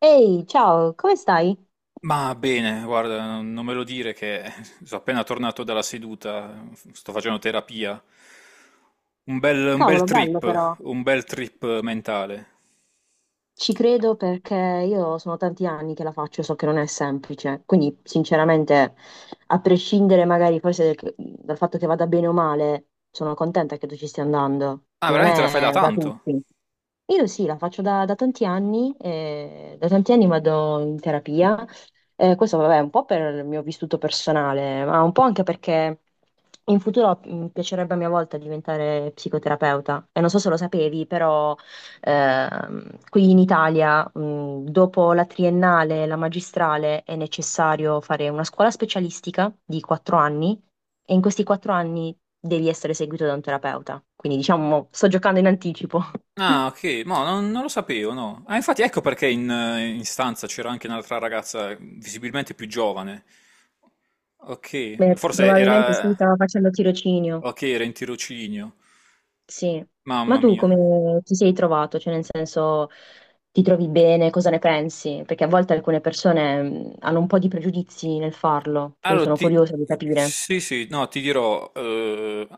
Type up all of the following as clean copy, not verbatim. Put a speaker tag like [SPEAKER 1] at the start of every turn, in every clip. [SPEAKER 1] Ehi, ciao, come stai?
[SPEAKER 2] Ma bene, guarda, non me lo dire che sono appena tornato dalla seduta, sto facendo terapia. Un bel
[SPEAKER 1] Cavolo, bello
[SPEAKER 2] trip,
[SPEAKER 1] però.
[SPEAKER 2] un bel trip mentale.
[SPEAKER 1] Ci credo perché io sono tanti anni che la faccio, so che non è semplice. Quindi, sinceramente, a prescindere magari forse dal fatto che vada bene o male, sono contenta che tu ci stia andando.
[SPEAKER 2] Ah,
[SPEAKER 1] Non
[SPEAKER 2] veramente la fai da
[SPEAKER 1] è da
[SPEAKER 2] tanto?
[SPEAKER 1] tutti. Io sì, la faccio da tanti anni vado in terapia. Questo vabbè, un po' per il mio vissuto personale, ma un po' anche perché in futuro mi piacerebbe a mia volta diventare psicoterapeuta. E non so se lo sapevi, però qui in Italia, dopo la triennale e la magistrale, è necessario fare una scuola specialistica di quattro anni e in questi quattro anni devi essere seguito da un terapeuta. Quindi diciamo, sto giocando in anticipo.
[SPEAKER 2] Ah, ok, non lo sapevo, no. Ah, infatti ecco perché in stanza c'era anche un'altra ragazza visibilmente più giovane. Ok,
[SPEAKER 1] Beh,
[SPEAKER 2] forse
[SPEAKER 1] probabilmente sì,
[SPEAKER 2] era...
[SPEAKER 1] stava facendo tirocinio,
[SPEAKER 2] Ok, era in tirocinio.
[SPEAKER 1] sì. Ma
[SPEAKER 2] Mamma
[SPEAKER 1] tu
[SPEAKER 2] mia.
[SPEAKER 1] come ti sei trovato? Cioè, nel senso, ti trovi bene? Cosa ne pensi? Perché a volte alcune persone hanno un po' di pregiudizi nel farlo, quindi
[SPEAKER 2] Allora,
[SPEAKER 1] sono
[SPEAKER 2] ti...
[SPEAKER 1] curiosa di capire.
[SPEAKER 2] sì, sì, no, ti dirò, eh,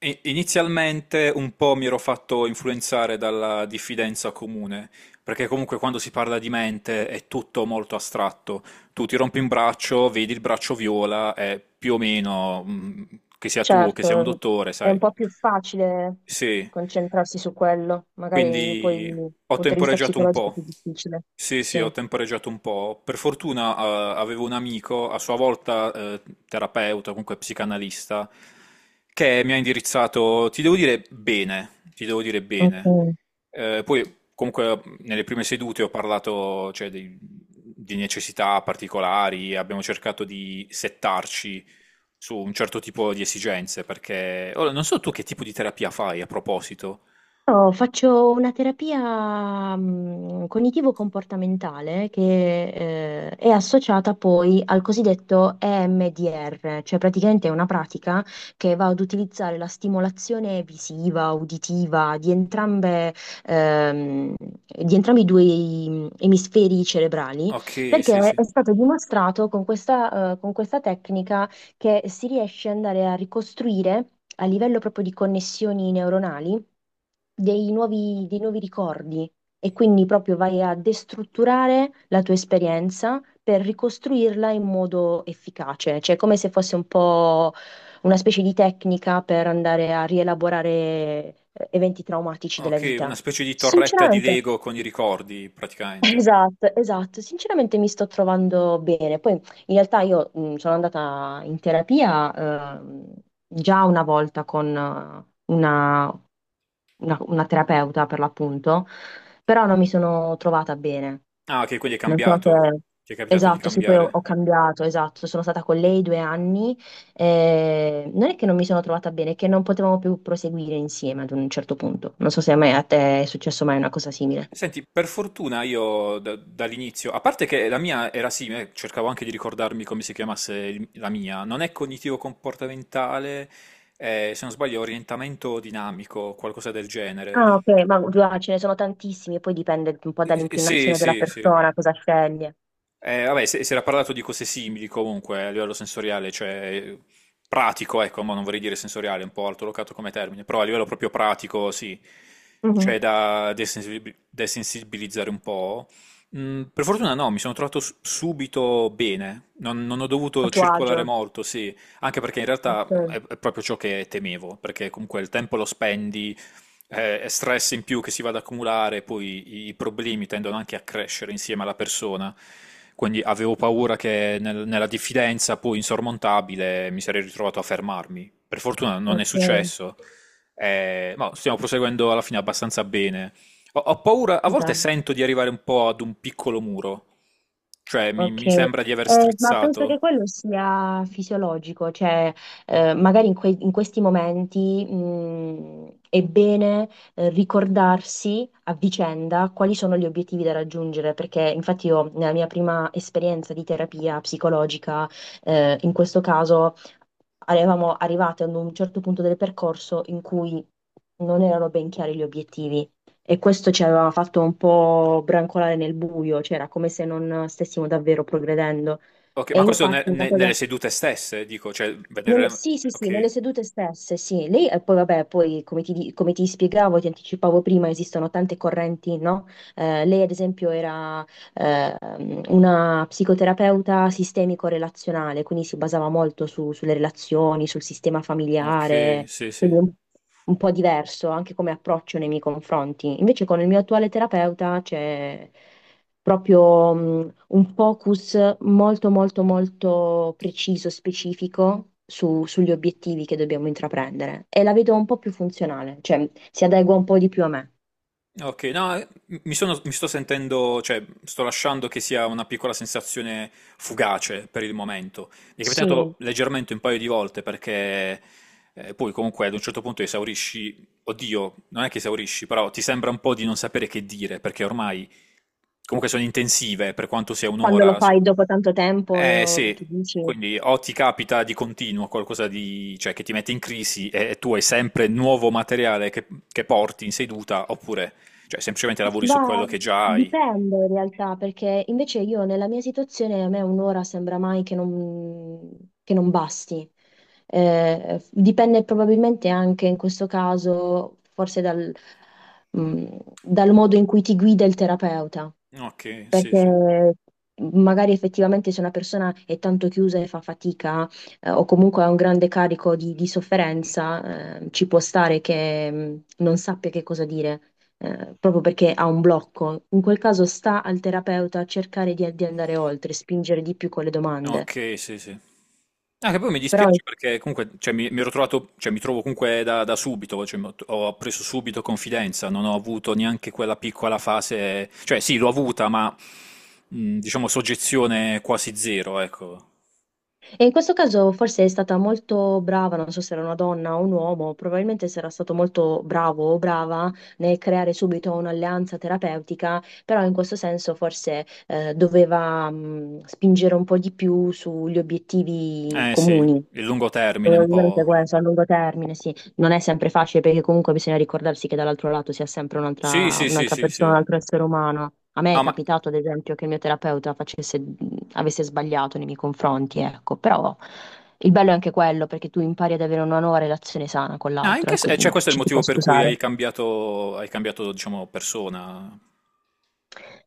[SPEAKER 2] i- inizialmente un po' mi ero fatto influenzare dalla diffidenza comune, perché comunque quando si parla di mente è tutto molto astratto. Tu ti rompi un braccio, vedi il braccio viola, e più o meno, che sia tu o che sia un
[SPEAKER 1] Certo,
[SPEAKER 2] dottore,
[SPEAKER 1] è
[SPEAKER 2] sai,
[SPEAKER 1] un po' più facile
[SPEAKER 2] sì.
[SPEAKER 1] concentrarsi su quello, magari poi
[SPEAKER 2] Quindi
[SPEAKER 1] dal
[SPEAKER 2] ho
[SPEAKER 1] punto di vista
[SPEAKER 2] temporeggiato un
[SPEAKER 1] psicologico è
[SPEAKER 2] po'.
[SPEAKER 1] più difficile.
[SPEAKER 2] Sì, sì, ho
[SPEAKER 1] Sì.
[SPEAKER 2] temporeggiato un po'. Per fortuna, avevo un amico, a sua volta, terapeuta, comunque psicanalista, che mi ha indirizzato, ti devo dire bene, ti devo dire bene.
[SPEAKER 1] Ok.
[SPEAKER 2] Eh, poi, comunque, nelle prime sedute ho parlato, cioè, di necessità particolari, abbiamo cercato di settarci su un certo tipo di esigenze, perché... Ora, non so tu che tipo di terapia fai a proposito.
[SPEAKER 1] No, faccio una terapia cognitivo-comportamentale che è associata poi al cosiddetto EMDR, cioè praticamente è una pratica che va ad utilizzare la stimolazione visiva, uditiva di entrambe, ehm, di entrambi i due emisferi cerebrali,
[SPEAKER 2] Okay, sì,
[SPEAKER 1] perché
[SPEAKER 2] sì.
[SPEAKER 1] è stato dimostrato con con questa tecnica che si riesce ad andare a ricostruire a livello proprio di connessioni neuronali dei nuovi ricordi e quindi proprio vai a destrutturare la tua esperienza per ricostruirla in modo efficace, cioè come se fosse un po' una specie di tecnica per andare a rielaborare eventi traumatici della
[SPEAKER 2] Okay, una
[SPEAKER 1] vita.
[SPEAKER 2] specie di torretta di
[SPEAKER 1] Sinceramente.
[SPEAKER 2] Lego con i ricordi, praticamente.
[SPEAKER 1] Esatto, esatto. Sinceramente mi sto trovando bene. Poi in realtà io sono andata in terapia già una volta con una, una terapeuta per l'appunto, però non mi sono trovata bene.
[SPEAKER 2] Ah, okay, quindi hai
[SPEAKER 1] Non so
[SPEAKER 2] cambiato.
[SPEAKER 1] se...
[SPEAKER 2] Ti è capitato di
[SPEAKER 1] Esatto, sì, poi ho
[SPEAKER 2] cambiare.
[SPEAKER 1] cambiato, esatto. Sono stata con lei due anni. Eh, non è che non mi sono trovata bene, è che non potevamo più proseguire insieme ad un certo punto. Non so se a me, a te è successo mai una cosa simile.
[SPEAKER 2] Senti, per fortuna io dall'inizio, a parte che la mia era simile, cercavo anche di ricordarmi come si chiamasse la mia, non è cognitivo-comportamentale, se non sbaglio, orientamento dinamico, qualcosa del genere.
[SPEAKER 1] Ah, ok, ma guarda, ce ne sono tantissimi, poi dipende un po'
[SPEAKER 2] Sì,
[SPEAKER 1] dall'inclinazione della
[SPEAKER 2] sì, sì.
[SPEAKER 1] persona, cosa sceglie.
[SPEAKER 2] Vabbè, si era parlato di cose simili comunque a livello sensoriale, cioè pratico, ecco, ma non vorrei dire sensoriale, è un po' altolocato come termine, però a livello proprio pratico, sì,
[SPEAKER 1] Mhm.
[SPEAKER 2] cioè da desensibilizzare un po'. Per fortuna no, mi sono trovato subito bene, non ho dovuto
[SPEAKER 1] A tuo agio.
[SPEAKER 2] circolare molto, sì, anche perché in realtà
[SPEAKER 1] Ok,
[SPEAKER 2] è proprio ciò che temevo, perché comunque il tempo lo spendi è stress in più che si va ad accumulare, poi i problemi tendono anche a crescere insieme alla persona. Quindi avevo paura che nella diffidenza poi insormontabile mi sarei ritrovato a fermarmi. Per fortuna non è
[SPEAKER 1] ok,
[SPEAKER 2] successo, ma stiamo proseguendo alla fine abbastanza bene. Ho paura, a volte
[SPEAKER 1] bene,
[SPEAKER 2] sento di arrivare un po' ad un piccolo muro, cioè
[SPEAKER 1] ok.
[SPEAKER 2] mi sembra di aver
[SPEAKER 1] Ma penso che
[SPEAKER 2] strizzato.
[SPEAKER 1] quello sia fisiologico, cioè magari in questi momenti è bene ricordarsi a vicenda quali sono gli obiettivi da raggiungere, perché infatti io nella mia prima esperienza di terapia psicologica, in questo caso eravamo arrivate ad un certo punto del percorso in cui non erano ben chiari gli obiettivi e questo ci aveva fatto un po' brancolare nel buio, cioè era come se non stessimo davvero progredendo.
[SPEAKER 2] Ok,
[SPEAKER 1] E
[SPEAKER 2] ma questo
[SPEAKER 1] infatti una cosa
[SPEAKER 2] nelle sedute stesse, dico, cioè vedere...
[SPEAKER 1] sì, sì, sì, nelle
[SPEAKER 2] Ok,
[SPEAKER 1] sedute stesse, sì. Lei, e poi vabbè, poi come come ti spiegavo, ti anticipavo prima, esistono tante correnti, no? Lei, ad esempio, era eh, una psicoterapeuta sistemico-relazionale, quindi si basava molto sulle relazioni, sul sistema
[SPEAKER 2] ok,
[SPEAKER 1] familiare,
[SPEAKER 2] sì, sì.
[SPEAKER 1] quindi un po' diverso anche come approccio nei miei confronti. Invece con il mio attuale terapeuta c'è proprio un focus molto molto molto preciso, specifico sugli obiettivi che dobbiamo intraprendere e la vedo un po' più funzionale, cioè si adegua un po' di più a me.
[SPEAKER 2] Ok, no, mi mi sto sentendo, cioè sto lasciando che sia una piccola sensazione fugace per il momento. Mi è capitato
[SPEAKER 1] Sì,
[SPEAKER 2] leggermente un paio di volte perché poi comunque ad un certo punto esaurisci, oddio, non è che esaurisci, però ti sembra un po' di non sapere che dire perché ormai comunque sono intensive per quanto sia
[SPEAKER 1] quando lo
[SPEAKER 2] un'ora.
[SPEAKER 1] fai dopo tanto tempo,
[SPEAKER 2] Eh sì,
[SPEAKER 1] ti dici.
[SPEAKER 2] quindi o ti capita di continuo qualcosa di, cioè, che ti mette in crisi e tu hai sempre nuovo materiale che porti in seduta, oppure cioè, semplicemente lavori su
[SPEAKER 1] Ma
[SPEAKER 2] quello che già hai.
[SPEAKER 1] dipende in realtà, perché invece io nella mia situazione a me un'ora sembra mai che non basti. Dipende probabilmente anche in questo caso, forse dal modo in cui ti guida il terapeuta
[SPEAKER 2] Ok, sì, sì.
[SPEAKER 1] perché magari effettivamente se una persona è tanto chiusa e fa fatica, o comunque ha un grande carico di sofferenza, ci può stare che non sappia che cosa dire, proprio perché ha un blocco. In quel caso sta al terapeuta a cercare di andare oltre, spingere di più con le domande.
[SPEAKER 2] Ok, sì, sì. Ah, che poi mi
[SPEAKER 1] Però
[SPEAKER 2] dispiace perché comunque cioè, mi ero trovato, cioè, mi trovo comunque da subito, cioè, mi ho, ho preso subito confidenza, non ho avuto neanche quella piccola fase, cioè sì, l'ho avuta, ma diciamo soggezione quasi zero, ecco.
[SPEAKER 1] e in questo caso forse è stata molto brava, non so se era una donna o un uomo, probabilmente sarà stato molto bravo o brava nel creare subito un'alleanza terapeutica, però in questo senso forse doveva spingere un po' di più sugli obiettivi
[SPEAKER 2] Eh sì,
[SPEAKER 1] comuni.
[SPEAKER 2] il lungo termine un po'.
[SPEAKER 1] Probabilmente questo a lungo termine, sì, non è sempre facile perché comunque bisogna ricordarsi che dall'altro lato sia sempre
[SPEAKER 2] Sì, sì, sì,
[SPEAKER 1] un'altra
[SPEAKER 2] sì,
[SPEAKER 1] persona,
[SPEAKER 2] sì.
[SPEAKER 1] un altro essere umano. A me è
[SPEAKER 2] No, ma
[SPEAKER 1] capitato, ad esempio, che il mio terapeuta facesse, avesse sbagliato nei miei confronti, ecco, però il bello è anche quello perché tu impari ad avere una nuova relazione sana con l'altro
[SPEAKER 2] anche
[SPEAKER 1] e
[SPEAKER 2] se... cioè,
[SPEAKER 1] quindi
[SPEAKER 2] questo è il
[SPEAKER 1] ci si può
[SPEAKER 2] motivo per cui
[SPEAKER 1] scusare.
[SPEAKER 2] hai cambiato, diciamo, persona.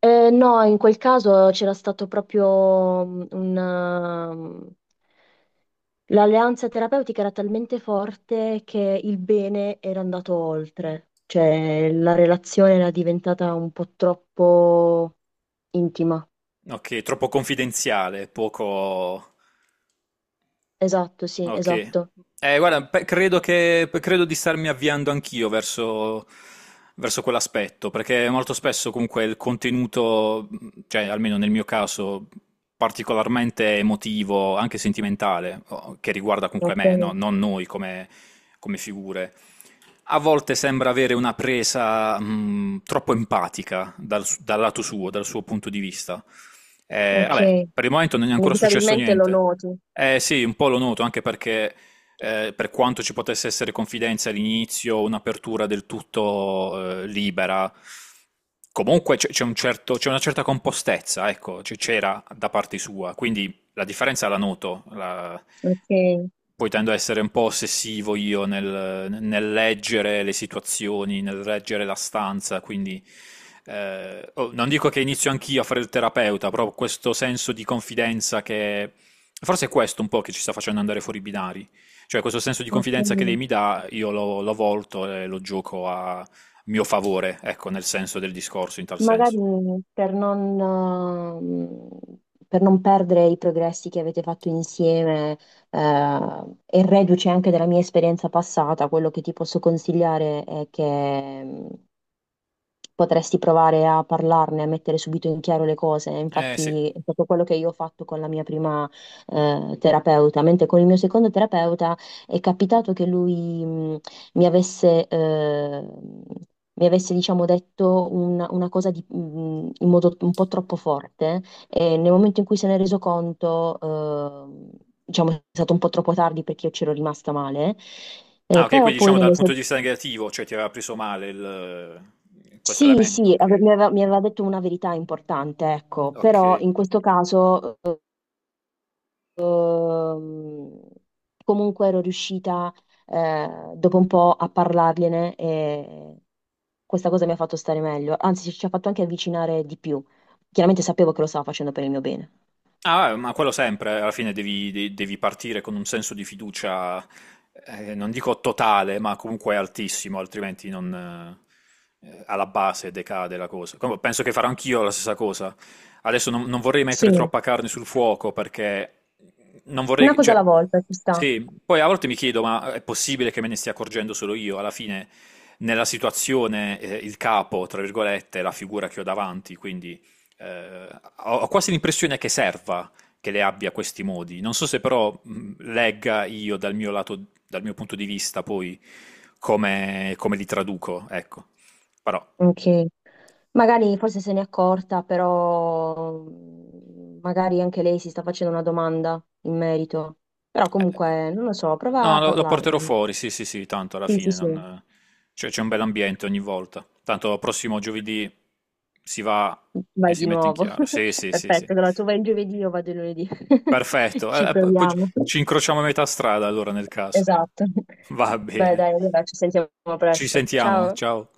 [SPEAKER 1] No, in quel caso c'era stato proprio l'alleanza terapeutica era talmente forte che il bene era andato oltre, cioè la relazione era diventata un po' troppo intima.
[SPEAKER 2] Ok, troppo confidenziale, poco...
[SPEAKER 1] Esatto, sì,
[SPEAKER 2] Ok.
[SPEAKER 1] esatto.
[SPEAKER 2] Guarda, credo che, credo di starmi avviando anch'io verso, verso quell'aspetto, perché molto spesso comunque il contenuto, cioè almeno nel mio caso, particolarmente emotivo, anche sentimentale, che riguarda comunque
[SPEAKER 1] Ok,
[SPEAKER 2] me, no? Non noi come, come figure, a volte sembra avere una presa troppo empatica dal lato suo, dal suo punto di vista.
[SPEAKER 1] ok.
[SPEAKER 2] Vabbè, per il momento non è ancora successo
[SPEAKER 1] Inevitabilmente lo
[SPEAKER 2] niente.
[SPEAKER 1] noti.
[SPEAKER 2] Eh sì, un po' lo noto, anche perché per quanto ci potesse essere confidenza all'inizio, un'apertura del tutto libera, comunque c'è un c'è una certa compostezza, ecco, c'era da parte sua, quindi la differenza la noto,
[SPEAKER 1] Ok,
[SPEAKER 2] poi tendo a essere un po' ossessivo io nel leggere le situazioni, nel leggere la stanza, quindi oh, non dico che inizio anch'io a fare il terapeuta, però questo senso di confidenza che forse è questo un po' che ci sta facendo andare fuori i binari, cioè questo senso di confidenza che lei mi
[SPEAKER 1] ok.
[SPEAKER 2] dà, lo volto e lo gioco a mio favore, ecco, nel senso del discorso, in tal senso.
[SPEAKER 1] Magari per non, eh, per non perdere i progressi che avete fatto insieme, e reduce anche dalla mia esperienza passata, quello che ti posso consigliare è che potresti provare a parlarne, a mettere subito in chiaro le cose.
[SPEAKER 2] Eh sì.
[SPEAKER 1] Infatti, è proprio quello che io ho fatto con la mia prima terapeuta, mentre con il mio secondo terapeuta è capitato che lui mi avesse, eh, mi avesse, diciamo, detto una cosa in modo un po' troppo forte e nel momento in cui se ne è reso conto, diciamo, è stato un po' troppo tardi perché io c'ero rimasta male.
[SPEAKER 2] Ah,
[SPEAKER 1] Eh,
[SPEAKER 2] ok, quindi
[SPEAKER 1] però poi
[SPEAKER 2] diciamo dal
[SPEAKER 1] nelle,
[SPEAKER 2] punto di vista negativo, cioè ti aveva preso male questo
[SPEAKER 1] sì,
[SPEAKER 2] elemento,
[SPEAKER 1] sì,
[SPEAKER 2] ok.
[SPEAKER 1] mi aveva detto una verità importante, ecco,
[SPEAKER 2] Ok.
[SPEAKER 1] però in questo caso ehm, comunque ero riuscita dopo un po' a parlargliene e questa cosa mi ha fatto stare meglio, anzi ci ha fatto anche avvicinare di più. Chiaramente sapevo che lo stava facendo per il mio bene.
[SPEAKER 2] Ah, ma quello sempre, alla fine devi partire con un senso di fiducia, non dico totale, ma comunque altissimo, altrimenti non, alla base decade la cosa. Penso che farò anch'io la stessa cosa. Adesso non vorrei
[SPEAKER 1] Sì,
[SPEAKER 2] mettere troppa carne sul fuoco perché non
[SPEAKER 1] una
[SPEAKER 2] vorrei,
[SPEAKER 1] cosa
[SPEAKER 2] cioè,
[SPEAKER 1] alla volta, ci sta.
[SPEAKER 2] sì, poi a volte mi chiedo, ma è possibile che me ne stia accorgendo solo io? Alla fine, nella situazione, il capo, tra virgolette, è la figura che ho davanti, quindi eh, ho quasi l'impressione che serva che le abbia questi modi. Non so se però legga io dal mio lato, dal mio punto di vista poi come, come li traduco, ecco. Però
[SPEAKER 1] Ok. Magari forse se n'è accorta, però magari anche lei si sta facendo una domanda in merito. Però
[SPEAKER 2] eh,
[SPEAKER 1] comunque, non lo so, prova
[SPEAKER 2] no,
[SPEAKER 1] a
[SPEAKER 2] lo porterò
[SPEAKER 1] parlarne.
[SPEAKER 2] fuori, sì, sì, sì, tanto alla
[SPEAKER 1] Sì, sì,
[SPEAKER 2] fine
[SPEAKER 1] sì,
[SPEAKER 2] non- cioè, c'è un bel ambiente ogni volta. Tanto prossimo giovedì si va e
[SPEAKER 1] vai
[SPEAKER 2] si
[SPEAKER 1] di
[SPEAKER 2] mette in
[SPEAKER 1] nuovo.
[SPEAKER 2] chiaro. Sì, sì, sì, sì.
[SPEAKER 1] Perfetto, allora tu vai il giovedì, io vado il lunedì.
[SPEAKER 2] Perfetto.
[SPEAKER 1] Ci
[SPEAKER 2] Poi
[SPEAKER 1] proviamo.
[SPEAKER 2] ci incrociamo a metà strada allora nel caso.
[SPEAKER 1] Esatto.
[SPEAKER 2] Va
[SPEAKER 1] Beh,
[SPEAKER 2] bene.
[SPEAKER 1] dai, allora ci sentiamo
[SPEAKER 2] Ci
[SPEAKER 1] presto.
[SPEAKER 2] sentiamo,
[SPEAKER 1] Ciao.
[SPEAKER 2] ciao.